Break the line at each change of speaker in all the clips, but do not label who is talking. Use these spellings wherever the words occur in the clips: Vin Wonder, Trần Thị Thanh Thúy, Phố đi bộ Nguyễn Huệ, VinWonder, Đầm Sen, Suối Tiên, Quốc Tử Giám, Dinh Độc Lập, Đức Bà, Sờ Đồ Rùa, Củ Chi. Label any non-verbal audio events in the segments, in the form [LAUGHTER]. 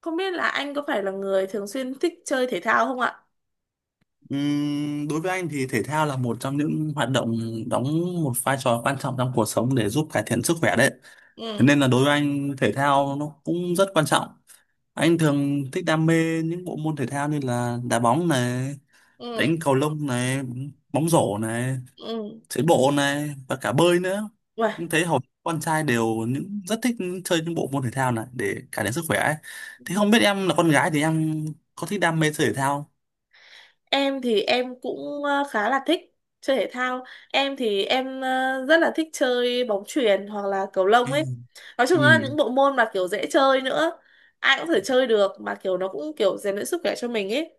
Không biết là anh có phải là người thường xuyên thích chơi thể thao không ạ?
Đối với anh thì thể thao là một trong những hoạt động đóng một vai trò quan trọng trong cuộc sống để giúp cải thiện sức khỏe đấy. Thế
Ừ,
nên là đối với anh thể thao nó cũng rất quan trọng. Anh thường thích đam mê những bộ môn thể thao như là đá bóng này,
ừ,
đánh cầu lông này, bóng rổ này,
ừ.
chạy bộ này và cả bơi nữa.
Uầy,
Nhưng thấy hầu con trai đều những rất thích chơi những bộ môn thể thao này để cải thiện sức khỏe ấy. Thế không biết em là con gái thì em có thích đam mê chơi thể thao?
em thì em cũng khá là thích chơi thể thao. Em thì em rất là thích chơi bóng chuyền hoặc là cầu lông
Ừ.
ấy. Nói chung
Ừ.
là những bộ môn mà kiểu dễ chơi nữa. Ai cũng có thể chơi được mà kiểu nó cũng kiểu rèn luyện sức khỏe cho mình ấy.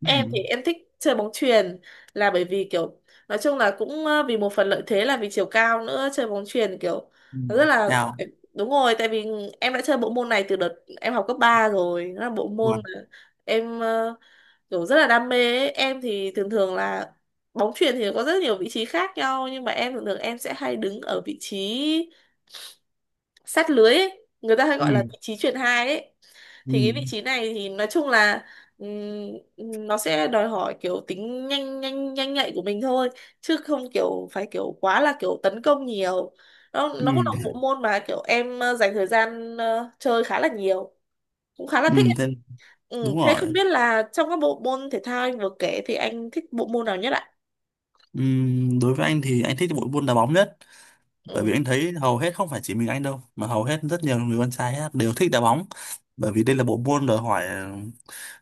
Ừ.
Em thì em thích chơi bóng chuyền là bởi vì kiểu nói chung là cũng vì một phần lợi thế là vì chiều cao nữa, chơi bóng chuyền kiểu
Ừ.
nó rất là
Nào.
đúng rồi, tại vì em đã chơi bộ môn này từ đợt em học cấp 3 rồi. Nó là bộ môn
Wow.
mà em kiểu rất là đam mê ấy. Em thì thường thường là bóng chuyền thì có rất nhiều vị trí khác nhau, nhưng mà em thường thường em sẽ hay đứng ở vị trí sát lưới ấy. Người ta hay gọi là
Ừ.
vị trí chuyền 2 ấy.
Ừ.
Thì cái vị trí này thì nói chung là ừm, nó sẽ đòi hỏi kiểu tính nhanh nhanh nhanh nhạy của mình thôi, chứ không kiểu phải kiểu quá là kiểu tấn công nhiều. nó
Ừ.
nó cũng là một bộ môn mà kiểu em dành thời gian chơi khá là nhiều, cũng khá là
Ừ.
thích ấy.
Thế,
Ừ,
đúng
thế không
rồi,
biết là trong các bộ môn thể thao anh vừa kể thì anh thích bộ môn nào nhất ạ?
ừ, đối với anh thì anh thích bộ môn đá bóng nhất, bởi
Ừ,
vì anh thấy hầu hết không phải chỉ mình anh đâu mà hầu hết rất nhiều người con trai á, đều thích đá bóng, bởi vì đây là bộ môn đòi hỏi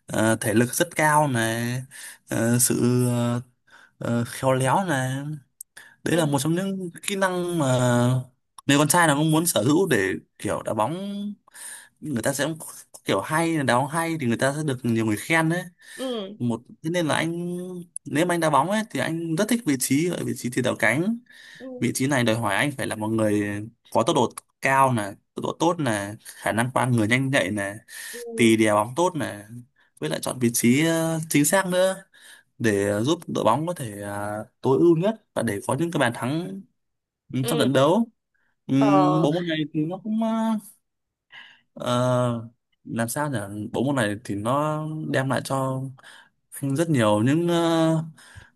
ờ, thể lực rất cao này, ờ, sự khéo léo này. Đấy
ừ,
là một trong những kỹ năng mà người con trai nào cũng muốn sở hữu để kiểu đá bóng, người ta sẽ kiểu hay đá bóng hay thì người ta sẽ được nhiều người khen đấy.
ừ,
Một thế nên là anh, nếu mà anh đá bóng ấy thì anh rất thích vị trí ở vị trí tiền đạo cánh.
ừ,
Vị trí này đòi hỏi anh phải là một người có tốc độ cao nè, tốc độ tốt nè, khả năng qua người nhanh nhạy nè,
ừ,
tì đè bóng tốt nè, với lại chọn vị trí chính xác nữa để giúp đội bóng có thể tối ưu nhất và để có những cái bàn thắng ừ, trong
ừ.
trận đấu.
ờ
Bộ môn này thì nó cũng ờ, làm sao nhỉ, bộ môn này thì nó đem lại cho rất nhiều những ờ,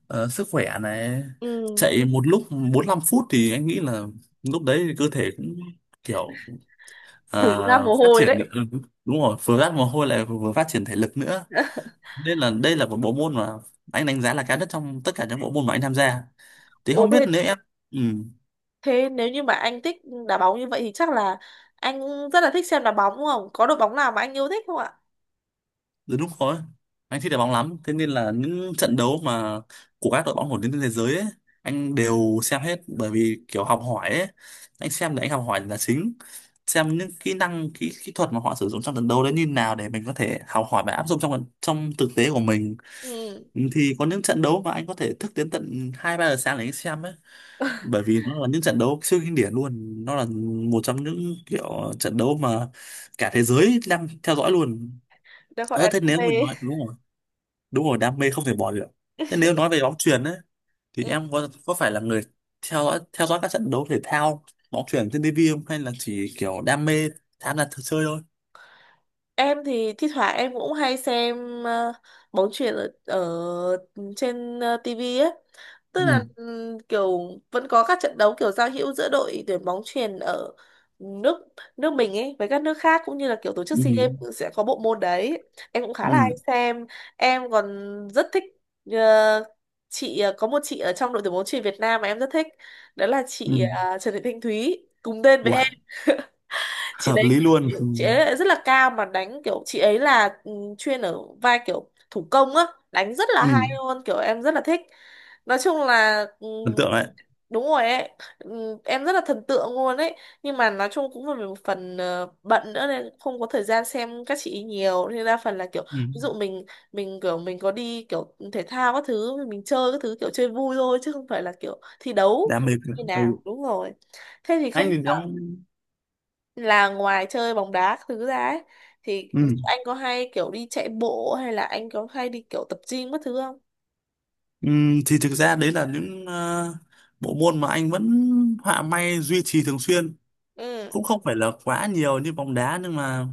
ờ, sức khỏe này.
ừ,
Chạy một lúc 45 phút thì anh nghĩ là lúc đấy thì cơ thể cũng kiểu
đổ ra mồ
phát
hôi
triển được
đấy.
ừ, đúng rồi, vừa ra mồ hôi lại vừa phát triển thể lực nữa, nên là đây là một bộ môn mà anh đánh giá là cao nhất trong tất cả những bộ môn mà anh tham gia, thì
Ồ
không biết
thế,
nếu em ừ.
thế nếu như mà anh thích đá bóng như vậy thì chắc là anh rất là thích xem đá bóng đúng không? Có đội bóng nào mà anh yêu thích không ạ?
Đúng đúng rồi. Anh thích đá bóng lắm, thế nên là những trận đấu mà của các đội bóng nổi tiếng trên thế giới ấy, anh đều xem hết bởi vì kiểu học hỏi ấy, anh xem để anh học hỏi là chính. Xem những kỹ năng, kỹ kỹ thuật mà họ sử dụng trong trận đấu đấy như nào để mình có thể học hỏi và áp dụng trong trong thực tế của mình.
Ừ,
Thì có những trận đấu mà anh có thể thức đến tận 2 3 giờ sáng để anh xem ấy, bởi vì nó là những trận đấu siêu kinh điển luôn, nó là một trong những kiểu trận đấu mà cả thế giới đang theo dõi luôn.
đó gọi là
Thế
đam
nếu mình
mê.
nói đúng rồi, đúng rồi, đam mê không thể bỏ được. Thế nếu nói về bóng chuyền ấy thì
Ừ.
em có phải là người theo dõi các trận đấu thể thao bóng chuyền trên TV không, hay là chỉ kiểu đam mê tham gia thử chơi thôi.
Em thì thi thoảng em cũng hay xem bóng chuyền ở trên tivi ấy. Tức
Ừ.
là kiểu vẫn có các trận đấu kiểu giao hữu giữa đội tuyển bóng chuyền ở nước nước mình ấy với các nước khác, cũng như là kiểu tổ chức
Ừ.
si Games cũng sẽ có bộ môn đấy. Em cũng khá là hay
Ừ.
xem. Em còn rất thích ờ, chị có một chị ở trong đội tuyển bóng chuyền Việt Nam mà em rất thích, đó là chị
Ừ.
Trần Thị Thanh Thúy, cùng tên với
Uầy,
em. Chị
hợp
đấy,
lý luôn.
chị
Ừ.
chị ấy lại rất là cao, mà đánh kiểu chị ấy là chuyên ở vai kiểu thủ công á, đánh rất là hay
Ừ.
luôn, kiểu em rất là thích. Nói chung là ừ,
Ấn tượng đấy.
đúng rồi ấy. Em rất là thần tượng luôn ấy. Nhưng mà nói chung cũng vì một phần bận nữa nên không có thời gian xem các chị ý nhiều. Nên đa phần là kiểu ví
Ừ.
dụ mình kiểu mình có đi kiểu thể thao các thứ, mình chơi các thứ kiểu chơi vui thôi chứ không phải là kiểu thi đấu
Đam mê cơ.
như
Ừ.
nào. Đúng rồi. Thế thì
Anh
không,
thì đóng
là ngoài chơi bóng đá các thứ ra ấy, thì ví
ừ.
dụ anh có hay kiểu đi chạy bộ hay là anh có hay đi kiểu tập gym các thứ không?
Ừ, thì thực ra đấy là những bộ môn mà anh vẫn họa may duy trì thường xuyên,
Ừ.
cũng không phải là quá nhiều như bóng đá, nhưng mà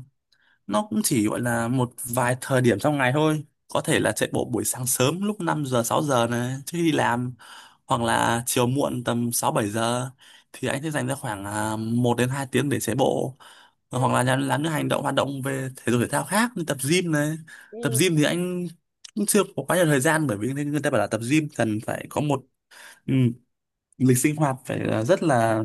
nó cũng chỉ gọi là một vài thời điểm trong ngày thôi, có thể là chạy bộ buổi sáng sớm lúc 5 giờ 6 giờ này trước khi đi làm, hoặc là chiều muộn tầm 6 7 giờ thì anh sẽ dành ra khoảng 1 đến 2 tiếng để chạy bộ,
Ừ.
hoặc là làm những hành động hoạt động về thể dục thể thao khác như tập gym này. Tập
Ừ.
gym thì anh cũng chưa có quá nhiều thời gian, bởi vì người ta bảo là tập gym cần phải có một ừ, lịch sinh hoạt phải là rất là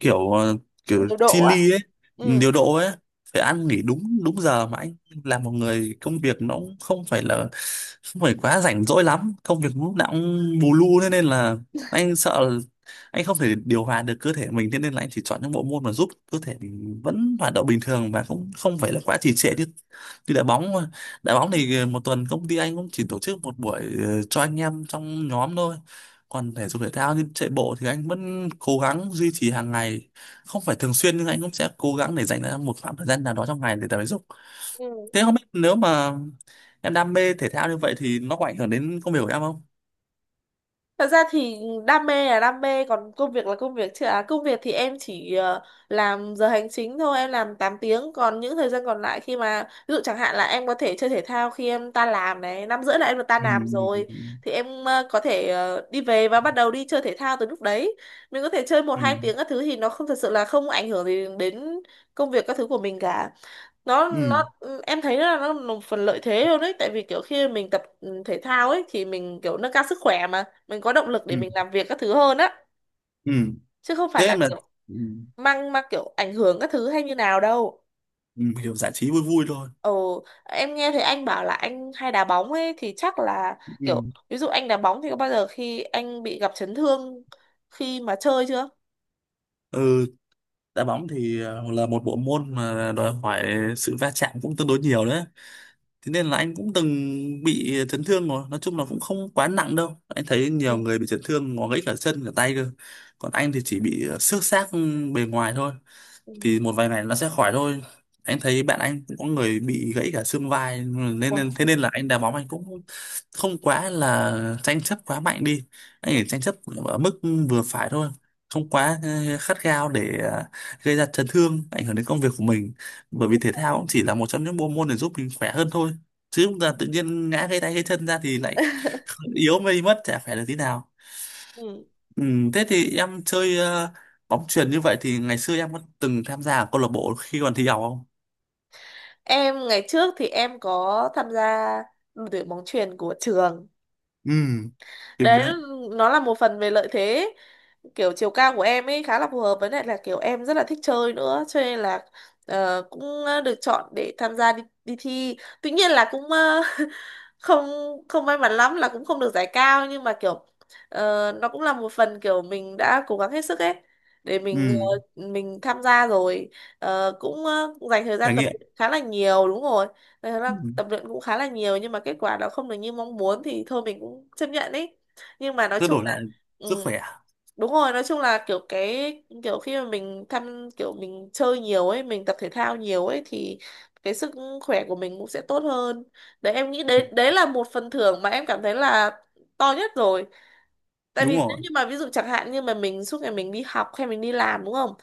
kiểu kiểu
Điều
chi
độ ạ.
ly ấy,
Ừ.
điều độ ấy, phải ăn nghỉ đúng đúng giờ, mà anh là một người công việc nó cũng không phải là không phải quá rảnh rỗi lắm, công việc lúc nào cũng bù lu, thế nên là anh sợ là anh không thể điều hòa được cơ thể mình, thế nên là anh chỉ chọn những bộ môn mà giúp cơ thể mình vẫn hoạt động bình thường và cũng không phải là quá trì trệ như như đá bóng mà. Đá bóng thì một tuần công ty anh cũng chỉ tổ chức một buổi cho anh em trong nhóm thôi, còn thể dục thể thao như chạy bộ thì anh vẫn cố gắng duy trì hàng ngày, không phải thường xuyên nhưng anh cũng sẽ cố gắng để dành ra một khoảng thời gian nào đó trong ngày để tập thể dục.
Ừ.
Thế không biết nếu mà em đam mê thể thao như vậy thì nó có ảnh hưởng đến công việc của em không.
Thật ra thì đam mê là đam mê, còn công việc là công việc chứ à. Công việc thì em chỉ làm giờ hành chính thôi, em làm 8 tiếng. Còn những thời gian còn lại khi mà ví dụ chẳng hạn là em có thể chơi thể thao khi em tan làm này, 5h30 là em được tan
Ừ.
làm rồi thì em có thể đi về và bắt đầu đi chơi thể thao từ lúc đấy. Mình có thể chơi một
Ừ.
hai tiếng các thứ thì nó không thật sự là không ảnh hưởng gì đến công việc các thứ của mình cả. Nó
Ừ.
em thấy là nó là một phần lợi thế luôn đấy, tại vì kiểu khi mình tập thể thao ấy thì mình kiểu nâng cao sức khỏe, mà mình có động lực để
Ừ.
mình làm việc các thứ hơn á,
Ừ.
chứ không phải
Thế
là
em là
kiểu
ừ,
mang mang kiểu ảnh hưởng các thứ hay như nào đâu.
ừ, hiểu, giải trí vui vui thôi.
Ồ em nghe thấy anh bảo là anh hay đá bóng ấy thì chắc là
Ừ.
kiểu ví dụ anh đá bóng thì có bao giờ khi anh bị gặp chấn thương khi mà chơi chưa?
Ừ. Đá bóng thì là một bộ môn mà đòi hỏi sự va chạm cũng tương đối nhiều đấy, thế nên là anh cũng từng bị chấn thương rồi, nói chung là cũng không quá nặng đâu, anh thấy nhiều
Ừ.
người bị chấn thương ngó gãy cả chân cả tay cơ, còn anh thì chỉ bị xước xác bề ngoài thôi,
Ừ.
thì một vài ngày nó sẽ khỏi thôi. Anh thấy bạn anh cũng có người bị gãy cả xương vai nên,
Ủa.
thế nên là anh đá bóng anh cũng không quá là tranh chấp quá mạnh đi, anh
Ừ.
chỉ tranh chấp ở mức vừa phải thôi, không quá khát khao để gây ra chấn thương ảnh hưởng đến công việc của mình, bởi vì thể thao cũng chỉ là một trong những bộ môn để giúp mình khỏe hơn thôi, chứ chúng ta tự nhiên ngã gãy tay gãy chân ra thì lại [LAUGHS] yếu mây mất, chả khỏe được tí nào.
Ừ.
Ừ, thế thì em chơi bóng chuyền như vậy thì ngày xưa em có từng tham gia ở câu lạc bộ khi còn thi học không?
Em ngày trước thì em có tham gia đội tuyển bóng chuyền của trường
Ừ, kinh
đấy.
đấy.
Nó là một phần về lợi thế, kiểu chiều cao của em ấy khá là phù hợp, với lại là kiểu em rất là thích chơi nữa, cho nên là cũng được chọn để tham gia đi thi. Tuy nhiên là cũng [LAUGHS] không không may mắn lắm là cũng không được giải cao, nhưng mà kiểu nó cũng là một phần kiểu mình đã cố gắng hết sức ấy để
Ừ,
mình mình tham gia rồi. Ờ, cũng dành thời gian
trải
tập
nghiệm.
luyện khá là nhiều, đúng rồi. Dành thời gian
Ừ,
tập luyện cũng khá là nhiều, nhưng mà kết quả nó không được như mong muốn thì thôi mình cũng chấp nhận ý. Nhưng mà nói
rất
chung
đổi
là
lại sức
ừ,
khỏe.
đúng rồi. Nói chung là kiểu cái kiểu khi mà mình thăm, kiểu mình chơi nhiều ấy, mình tập thể thao nhiều ấy, thì cái khỏe của mình cũng sẽ tốt hơn đấy. Em nghĩ
Ừ,
đấy, đấy là một phần thưởng mà em cảm thấy là to nhất rồi. Tại vì
đúng
nếu
rồi.
như mà ví dụ chẳng hạn như mà mình suốt ngày mình đi học hay mình đi làm đúng không,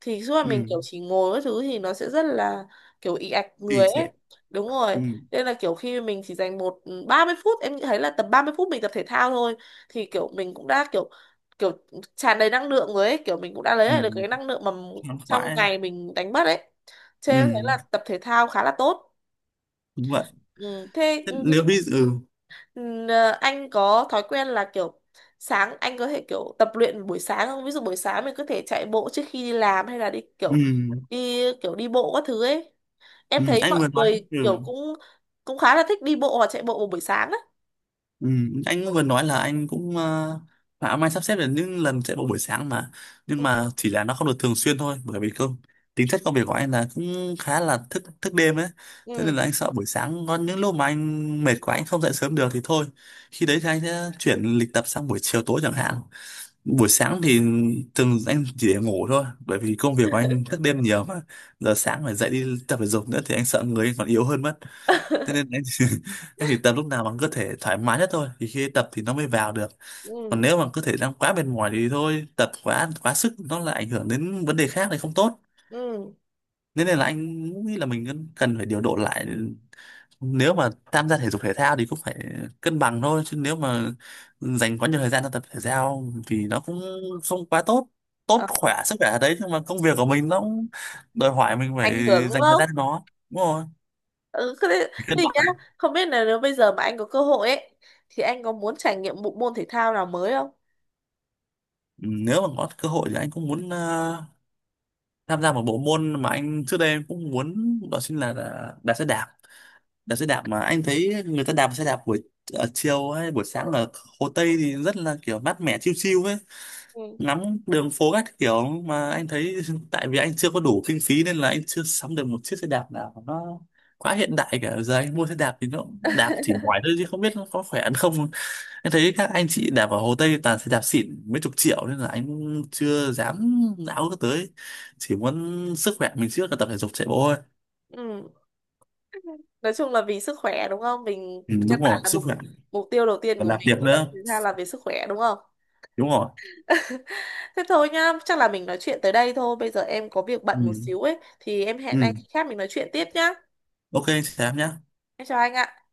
thì suốt ngày
Ừ,
mình kiểu chỉ ngồi các thứ thì nó sẽ rất là kiểu ì ạch
thì
người
sẽ
ấy, đúng rồi.
ừ,
Nên là kiểu khi mình chỉ dành một 30 phút, em thấy là tầm 30 phút mình tập thể thao thôi thì kiểu mình cũng đã kiểu kiểu tràn đầy năng lượng rồi ấy, kiểu mình cũng đã lấy lại được cái
ừ,
năng lượng mà
khoan
trong
khoái.
ngày mình đánh mất ấy, cho em thấy
Ừ,
là tập thể thao khá là tốt.
đúng vậy.
Ừ, thế
Thế
ừ, ví
nếu
dụ
bây giờ
ừm, anh có thói quen là kiểu sáng, anh có thể kiểu tập luyện buổi sáng không? Ví dụ buổi sáng mình có thể chạy bộ trước khi đi làm, hay là đi kiểu
ừ,
đi bộ các thứ ấy.
ừ,
Em thấy
anh
mọi
vừa nói
người
ừ.
kiểu cũng cũng khá là thích đi bộ hoặc chạy bộ vào buổi sáng á.
Ừ, anh cũng vừa nói là anh cũng mà ông anh sắp xếp được những lần chạy bộ buổi sáng mà, nhưng
Ừ.
mà chỉ là nó không được thường xuyên thôi, bởi vì công tính chất công việc của anh là cũng khá là thức thức đêm ấy, thế nên
Ừ.
là anh sợ buổi sáng có những lúc mà anh mệt quá anh không dậy sớm được thì thôi, khi đấy thì anh sẽ chuyển lịch tập sang buổi chiều tối chẳng hạn. Buổi sáng thì thường anh chỉ để ngủ thôi, bởi vì công việc của anh thức đêm nhiều mà, giờ sáng phải dậy đi tập thể dục nữa thì anh sợ người anh còn yếu hơn mất. Thế nên
[LAUGHS]
anh thì, [LAUGHS] anh thì tập lúc nào bằng cơ thể thoải mái nhất thôi, thì khi tập thì nó mới vào được, còn
Ừ.
nếu mà cơ thể đang quá mệt mỏi thì thôi, tập quá quá sức nó lại ảnh hưởng đến vấn đề khác thì không tốt.
Ừ.
Thế nên là anh nghĩ là mình cần cần phải điều độ lại, nếu mà tham gia thể dục thể thao thì cũng phải cân bằng thôi, chứ nếu mà dành quá nhiều thời gian cho tập thể thao thì nó cũng không quá tốt,
Ờ,
khỏe sức khỏe ở đấy, nhưng mà công việc của mình nó cũng đòi hỏi mình phải
ảnh hưởng đúng
dành thời
không?
gian cho nó, đúng rồi,
Ừ, thế thế
phải cân
thì nhá,
bằng.
không biết là nếu bây giờ mà anh có cơ hội ấy thì anh có muốn trải nghiệm bộ môn thể thao nào mới không?
Ừ, nếu mà có cơ hội thì anh cũng muốn tham gia một bộ môn mà anh trước đây em cũng muốn, đó chính là đạp xe đạp. Đạp xe đạp mà anh thấy người ta đạp xe đạp buổi ở chiều hay buổi sáng ở Hồ Tây thì rất là kiểu mát mẻ, chill chill ấy,
Ừ.
ngắm đường phố các kiểu, mà anh thấy [LAUGHS] tại vì anh chưa có đủ kinh phí nên là anh chưa sắm được một chiếc xe đạp nào nó quá hiện đại cả, giờ anh mua xe đạp thì nó cũng đạp chỉ
[LAUGHS]
ngoài thôi chứ không biết nó có khỏe ăn không. Anh thấy các anh chị đạp ở Hồ Tây toàn sẽ đạp xịn mấy chục triệu nên là anh chưa dám não nó tới. Chỉ muốn sức khỏe mình trước là tập thể dục chạy bộ thôi.
Ừ. Nói chung là vì sức khỏe đúng không, mình
Ừ,
căn
đúng
bản
rồi,
là
sức
mục
khỏe.
mục tiêu đầu tiên
Còn
của
làm
mình
việc
khi đăng
nữa.
ký ra là về sức khỏe đúng không.
Đúng rồi.
[LAUGHS] Thế thôi nhá, chắc là mình nói chuyện tới đây thôi, bây giờ em có việc
Ừ.
bận một xíu ấy thì em hẹn anh
Ừ.
khác mình nói chuyện tiếp nhá.
Ok, chị Thám nhá.
Em chào anh ạ.